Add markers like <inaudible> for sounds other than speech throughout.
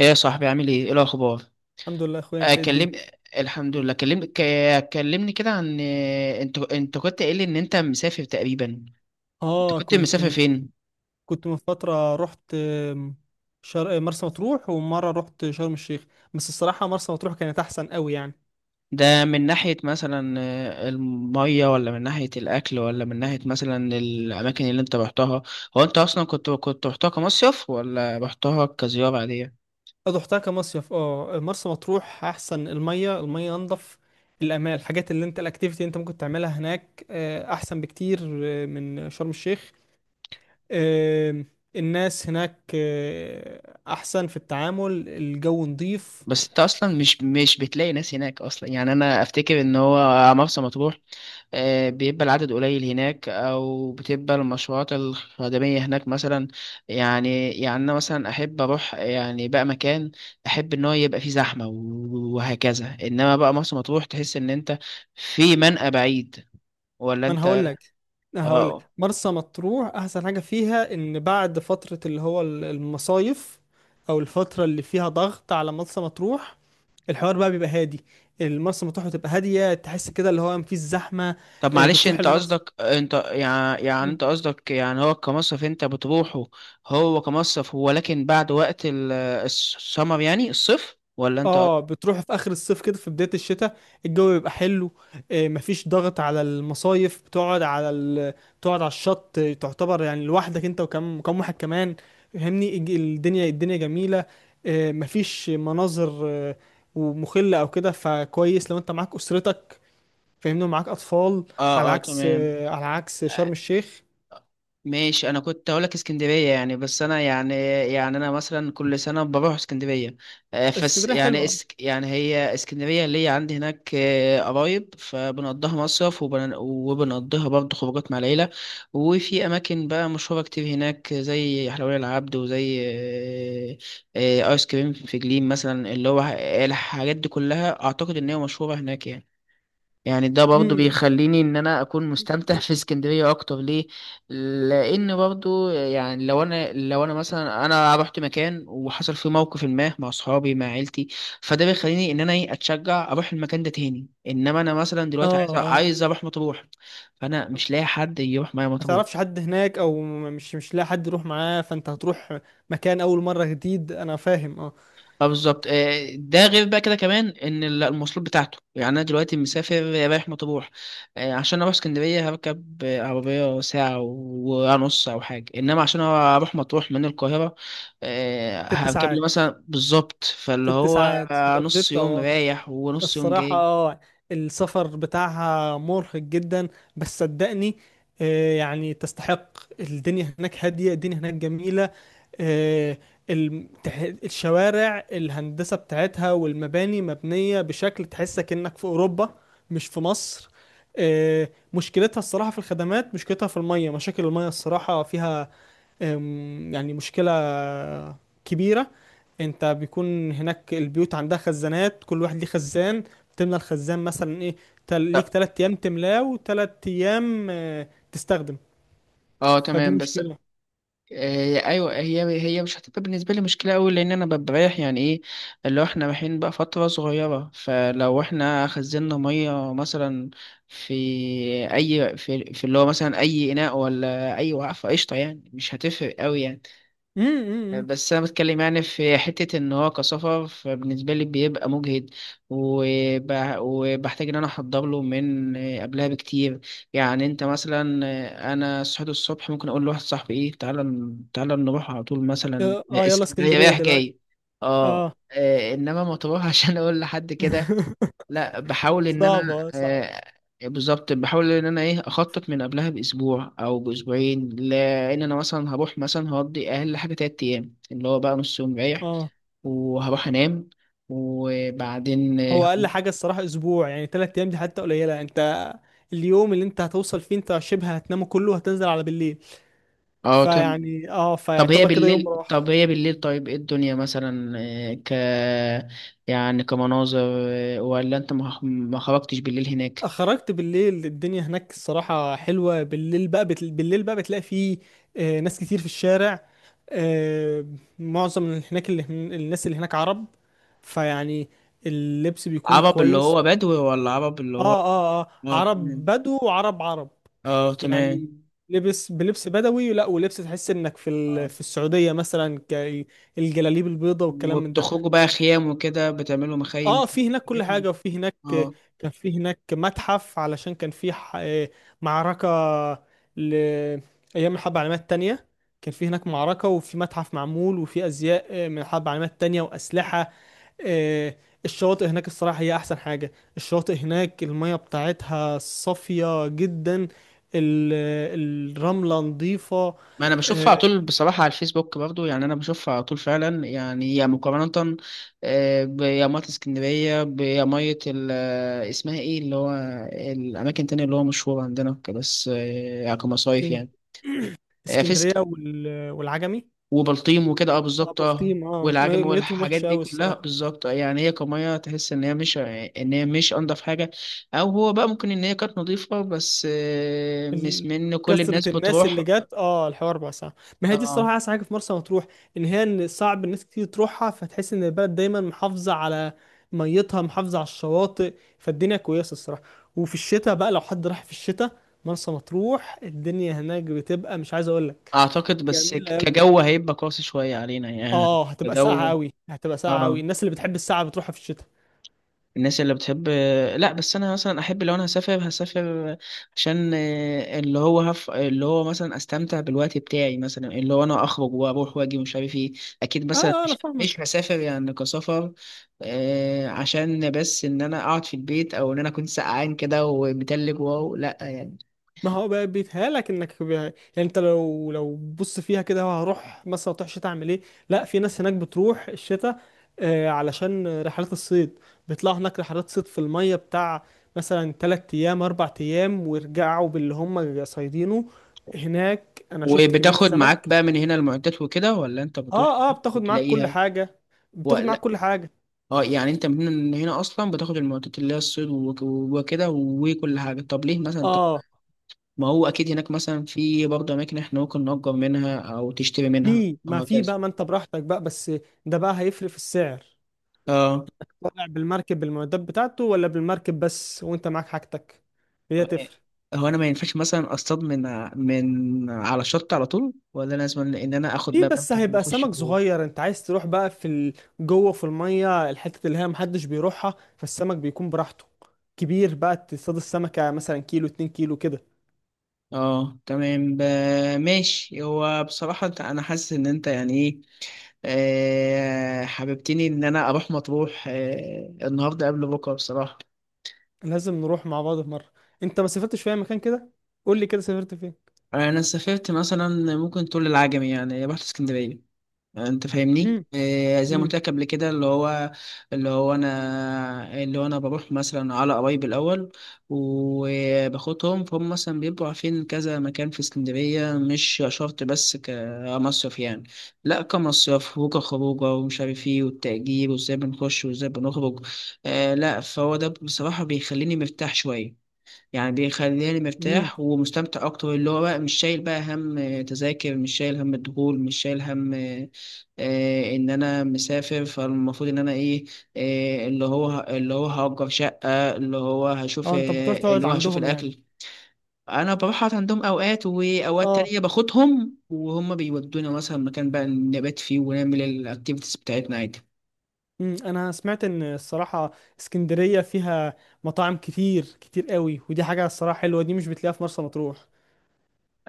ايه يا صاحبي، عامل ايه؟ ايه الاخبار؟ الحمد لله يا اخويا، انت إيه الدنيا؟ اكلم. الحمد لله. كلمني كده عن انت كنت قايل لي ان انت مسافر تقريبا. انت اه، كنت مسافر فين؟ كنت من فتره. رحت مرسى مطروح، ومره رحت شرم الشيخ. بس الصراحه مرسى مطروح كانت احسن قوي يعني. ده من ناحية مثلا المية، ولا من ناحية الاكل، ولا من ناحية مثلا الاماكن اللي انت رحتها؟ هو انت اصلا كنت رحتها كمصيف ولا رحتها كزيارة عادية؟ رحتها كمصيف. اه، مرسى مطروح احسن. الميه انضف. الامان، الحاجات اللي انت الاكتيفيتي اللي انت ممكن تعملها هناك احسن بكتير من شرم الشيخ. آم، الناس هناك احسن في التعامل، الجو نظيف. بس انت اصلا مش بتلاقي ناس هناك اصلا، يعني انا افتكر ان هو مرسى مطروح بيبقى العدد قليل هناك، او بتبقى المشروعات الخدميه هناك مثلا. يعني انا مثلا احب اروح يعني بقى مكان، احب ان هو يبقى فيه زحمه وهكذا، انما بقى مرسى مطروح تحس ان انت في منقى بعيد، ولا ما انا انت؟ هقول لك، اه. مرسى مطروح احسن حاجه فيها ان بعد فتره اللي هو المصايف، او الفتره اللي فيها ضغط على مرسى مطروح، الحوار بقى بيبقى هادي. المرسى مطروح بتبقى هاديه، تحس كده اللي هو مفيش زحمه. طب معلش بتروح انت المصيف. قصدك، انت يعني انت قصدك يعني هو كمصرف انت بتروحه؟ هو كمصرف هو، لكن بعد وقت السمر، يعني الصيف، ولا انت؟ اه. اه، بتروح في اخر الصيف كده، في بداية الشتاء، الجو بيبقى حلو. مفيش ضغط على المصايف. بتقعد على بتقعد على الشط، تعتبر يعني لوحدك، انت وكم كم واحد كمان، فاهمني. الدنيا جميلة. مفيش مناظر ومخلة او كده، فكويس لو انت معاك اسرتك، فاهمني، ومعاك اطفال، اه تمام. على عكس شرم الشيخ. ماشي، انا كنت هقول لك اسكندريه يعني، بس انا يعني انا مثلا كل سنه بروح اسكندريه. فس اسكندرية يعني حلوة. اسك يعني هي اسكندريه اللي هي عندي هناك قرايب، فبنقضيها مصيف وبنقضيها برضه خروجات مع العيله. وفي اماكن بقى مشهوره كتير هناك، زي حلوية العبد، وزي ايس كريم في جليم مثلا، اللي هو الحاجات دي كلها اعتقد ان هي مشهوره هناك يعني. يعني ده برضو امم. بيخليني ان انا اكون مستمتع في اسكندرية اكتر، ليه؟ لان برضو يعني لو انا مثلا انا رحت مكان وحصل فيه موقف ما مع اصحابي، مع عيلتي، فده بيخليني ان انا ايه، اتشجع اروح المكان ده تاني. انما انا مثلا دلوقتي عايز اه، عايز اروح مطروح، فانا مش لاقي حد يروح معايا ما مطروح. تعرفش حد هناك، او مش لاقي حد يروح معاه، فانت هتروح مكان اول مره جديد، انا فاهم، اه. اه بالظبط. ده غير بقى كده كمان ان المواصلات بتاعته. يعني انا دلوقتي مسافر رايح مطروح، عشان اروح اسكندريه هركب عربيه ساعه ونص او حاجه، انما عشان اروح مطروح من القاهره ست هركب لي ساعات مثلا بالظبط، فاللي ست هو ساعات سوبر نص جيت، يوم او رايح ونص يوم الصراحة. جاي. اه، السفر بتاعها مرهق جدا، بس صدقني. يعني تستحق. الدنيا هناك هادية، الدنيا هناك جميلة. آه، الشوارع، الهندسة بتاعتها والمباني مبنية بشكل تحسك انك في اوروبا، مش في مصر. آه، مشكلتها الصراحة في الخدمات، مشكلتها في المية. مشاكل المية الصراحة فيها، يعني مشكلة كبيرة. انت بيكون هناك البيوت عندها خزانات، كل واحد ليه خزان. تملى الخزان مثلا، ايه، ليك لا 3 ايام تملاه، وتلات ايام تستخدم. اه فدي تمام بس. مشكلة. ايوه، هي مش هتبقى بالنسبه لي مشكله قوي، لان انا ببقى رايح يعني، ايه اللي هو احنا رايحين بقى فتره صغيره، فلو احنا خزنا ميه مثلا في اي، في اللي هو مثلا اي اناء، ولا اي وقفه، قشطه، يعني مش هتفرق قوي يعني. امم. بس انا بتكلم يعني في حته ان هو كسفر، فبالنسبه لي بيبقى مجهد، وب... وبحتاج ان انا احضر له من قبلها بكتير. يعني انت مثلا انا صحيت الصبح، ممكن اقول لواحد صاحبي ايه، تعالى نروح على طول مثلا اه، يلا اسكندريه اسكندرية رايح دلوقتي. جاي. اه. اه. انما مطروح <laughs> عشان اقول لحد كده؟ <laughs> لا، بحاول ان صعبة، انا صعبة. بالظبط، بحاول ان انا ايه، اخطط من قبلها باسبوع او باسبوعين، لان انا مثلا هروح مثلا هقضي اقل حاجه 3 ايام، اللي هو بقى نص يوم رايح اه. وهروح انام وبعدين هو اه. اقل حاجة الصراحة اسبوع، يعني 3 ايام دي حتى قليلة. انت اليوم اللي انت هتوصل فيه انت شبه هتنامه كله، هتنزل على بالليل، تم. فيعني اه، طب هي فيعتبر كده يوم بالليل راح. طب هي بالليل طيب، ايه الدنيا مثلا آه، ك يعني كمناظر، ولا انت ما خرجتش بالليل هناك؟ خرجت بالليل، الدنيا هناك الصراحة حلوة بالليل بقى. بالليل بقى بتلاقي فيه ناس كتير في الشارع. آه، معظم اللي هناك، الناس اللي هناك عرب، فيعني اللبس بيكون عرب اللي كويس. هو بدوي، ولا عرب اللي اه، هو؟ اه، اه، اه عرب تمام. بدو، وعرب عرب اه تمام. يعني. لبس بلبس بدوي، لا، ولبس تحس انك في في السعودية مثلا، الجلاليب البيضاء والكلام من ده. وبتخرجوا بقى خيام وكده، بتعملوا اه، مخايم، في هناك كل حاجات حاجة، وفي هناك اه. كان في هناك متحف، علشان كان في معركة ل أيام الحرب العالمية التانية. كان في هناك معركة، وفي متحف معمول، وفي أزياء من الحرب العالمية التانية وأسلحة. آه، الشواطئ هناك الصراحة هي أحسن حاجة. الشواطئ هناك المية بتاعتها صافية جدا. ال- الرملة نظيفة. ما انا بشوفها آه، على طول بصراحة، على الفيسبوك برضو. يعني انا بشوفها على طول فعلا، يعني يا مقارنة بيا مية اسكندرية، بيا مية اسمها ايه، اللي هو الاماكن التانية اللي هو مشهورة عندنا وكده، بس يعني كمصايف اسكن- يعني. <clears throat> في، اسكندرية والعجمي. وبلطيم وكده، اه بالظبط اه. بلطيم، اه، والعجم ميتهم والحاجات وحشة دي أوي كلها الصراحة. بالظبط. يعني هي كمية، تحس ان هي مش ان هي مش انضف حاجة، او هو بقى ممكن ان هي كانت نظيفة، بس ال- مش من كل الناس كثرة الناس بتروح. اللي جت، اه، الحوار بقى صعب. ما هي دي اه. الصراحة أحسن حاجة في مرسى مطروح، إن صعب الناس كتير تروحها، فتحس إن البلد دايما محافظة على ميتها، محافظة على الشواطئ، فالدنيا كويسة الصراحة. وفي الشتاء بقى، لو حد راح في الشتاء، مرسى مطروح الدنيا هناك بتبقى مش عايز أقول لك، اعتقد بس جميلة أوي. كجو هيبقى قاسي شوية علينا، يعني اه، هتبقى ساقعة كجو. أوي، هتبقى ساقعة أوي. اه. الناس اللي بتحب الساقعة بتروحها في الشتاء. الناس اللي بتحب، لا، بس انا مثلا احب لو انا هسافر هسافر عشان اللي هو اللي هو مثلا استمتع بالوقت بتاعي مثلا، اللي هو انا اخرج واروح واجي ومش عارف ايه. اكيد اه. مثلا أنا مش فاهمك. هسافر يعني كسفر، عشان بس ان انا اقعد في البيت، او ان انا اكون سقعان كده ومتلج، واو لا يعني. ما هو بقى بيتهيألك انك يعني انت لو بص فيها كده، هو هروح مثلا تروح شتاء، اعمل ايه؟ لا، في ناس هناك بتروح الشتاء، علشان رحلات الصيد. بيطلعوا هناك رحلات صيد في المية بتاع، مثلا 3 ايام، 4 ايام، ويرجعوا باللي هم صايدينه. هناك انا شفت كمية وبتاخد معاك سمك. بقى من هنا المعدات وكده، ولا انت بتروح اه، اه، هناك بتاخد معاك كل وتلاقيها، حاجة، بتاخد معاك ولا؟ كل حاجة. اه. يعني انت من هنا اصلا بتاخد المعدات اللي هي الصيد وكده وكل حاجه، طب ليه؟ مثلا اه، ما هو اكيد هناك مثلا في برضه اماكن احنا ممكن نأجر منها او تشتري منها في، ما في وهكذا. بقى. ما انت براحتك بقى. بس ده بقى هيفرق في السعر: اه. طالع بالمركب بالمعدات بتاعته، ولا بالمركب بس وانت معاك حاجتك، هي تفرق. هو انا ما ينفعش مثلا اصطاد من على الشط على طول، ولا لازم ان انا اخد في، بقى بس مركب هيبقى واخش سمك جوه؟ صغير. انت عايز تروح بقى في جوه في الميه، الحته اللي هي محدش بيروحها، فالسمك بيكون براحته كبير بقى. تصطاد السمكه مثلا كيلو، 2 كيلو كده. اه تمام. ماشي. هو بصراحة انا حاسس ان انت يعني ايه، حببتني ان انا اروح مطروح النهارده قبل بكره بصراحة. لازم نروح مع بعض في مره. انت ما سافرتش في اي مكان كده؟ قول لي كده، سافرت فين؟ انا سافرت مثلا، ممكن تقول العجمي، يعني رحت اسكندرية، انت فاهمني. امم، إيه زي ما امم، قلت لك قبل كده، اللي هو اللي هو انا، بروح مثلا على قرايب الاول وباخدهم، فهم مثلا بيبقوا عارفين كذا مكان في اسكندريه، مش شرط بس كمصيف يعني، لا كمصيف وكخروجه ومش عارف ايه، والتأجير وازاي بنخش وازاي بنخرج. آه، لا فهو ده بصراحه بيخليني مرتاح شويه. يعني بيخليني امم. مرتاح ومستمتع اكتر، اللي هو بقى مش شايل بقى هم تذاكر، مش شايل هم الدخول، مش شايل هم ان انا مسافر، فالمفروض ان انا ايه، اللي هو هأجر شقة، اللي هو هشوف، اه، انت بتروح تقعد عندهم يعني؟ الاكل. انا بروح أقعد عندهم اوقات، واوقات اه. تانية باخدهم وهم بيودونا مثلا مكان بقى نبات فيه ونعمل الاكتيفيتيز بتاعتنا عادي. انا سمعت ان الصراحه اسكندريه فيها مطاعم كتير كتير قوي، ودي حاجه الصراحه حلوه، دي مش بتلاقيها في مرسى مطروح.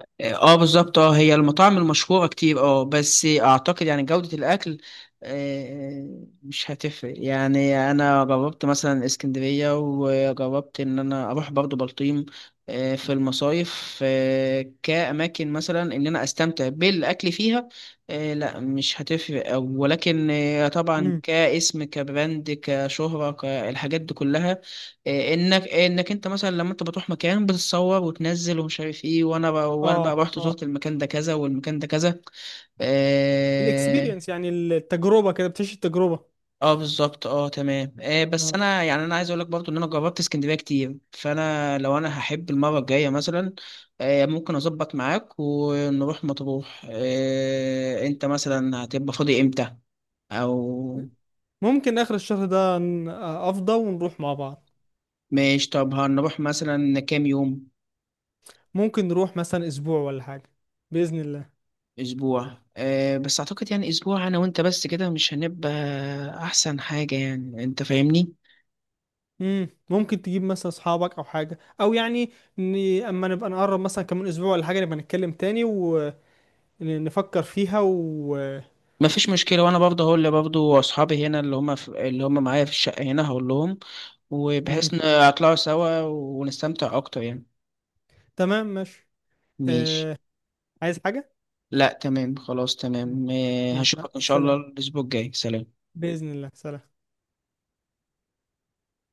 اه. بالظبط اه. هي المطاعم المشهورة كتير اه، بس اعتقد يعني جودة الاكل آه، مش هتفرق. يعني انا جربت مثلا اسكندرية، وجربت ان انا اروح برضو بلطيم في المصايف، كأماكن مثلا ان انا استمتع بالاكل فيها. لا مش هتفرق أوي. ولكن طبعا امم. كاسم، كبراند، كشهرة الحاجات دي كلها. إيه، انك انت مثلا لما انت بتروح مكان بتتصور وتنزل ومش عارف ايه، وانا بقى وانا اه، بقى رحت اه، زرت المكان ده كذا، والمكان ده كذا. اه، الاكسبيرينس، يعني التجربه كده، بتعيش التجربه. آه بالظبط، اه تمام آه. بس آه. انا يعني انا عايز اقول لك برضو ان انا جربت اسكندريه كتير، فانا لو انا هحب المره الجايه مثلا آه، ممكن اظبط معاك ونروح مطروح. آه، انت مثلا هتبقى فاضي امتى؟ او ممكن اخر الشهر ده، افضى ونروح مع بعض. ماشي. طب هنروح مثلا كام يوم؟ ممكن نروح مثلا اسبوع ولا حاجه، باذن الله. اسبوع؟ أه، بس اعتقد يعني اسبوع انا وانت بس كده مش هنبقى احسن حاجة، يعني انت فاهمني. مم. ممكن تجيب مثلا اصحابك او حاجه، او يعني، ن... اما نبقى نقرب مثلا كمان اسبوع ولا حاجه، نبقى نتكلم تاني ونفكر فيها و... مفيش مشكلة، وانا برضه هقول لبرضه اصحابي هنا، اللي هم في، اللي هم معايا في الشقة هنا، هقول لهم، مم. وبحيث نطلعوا سوا ونستمتع اكتر يعني. تمام، ماشي. ماشي. آه، عايز حاجة؟ لا تمام، خلاص تمام. هشوفك ان شاء الله سلام. الاسبوع الجاي. سلام. بإذن الله، سلام.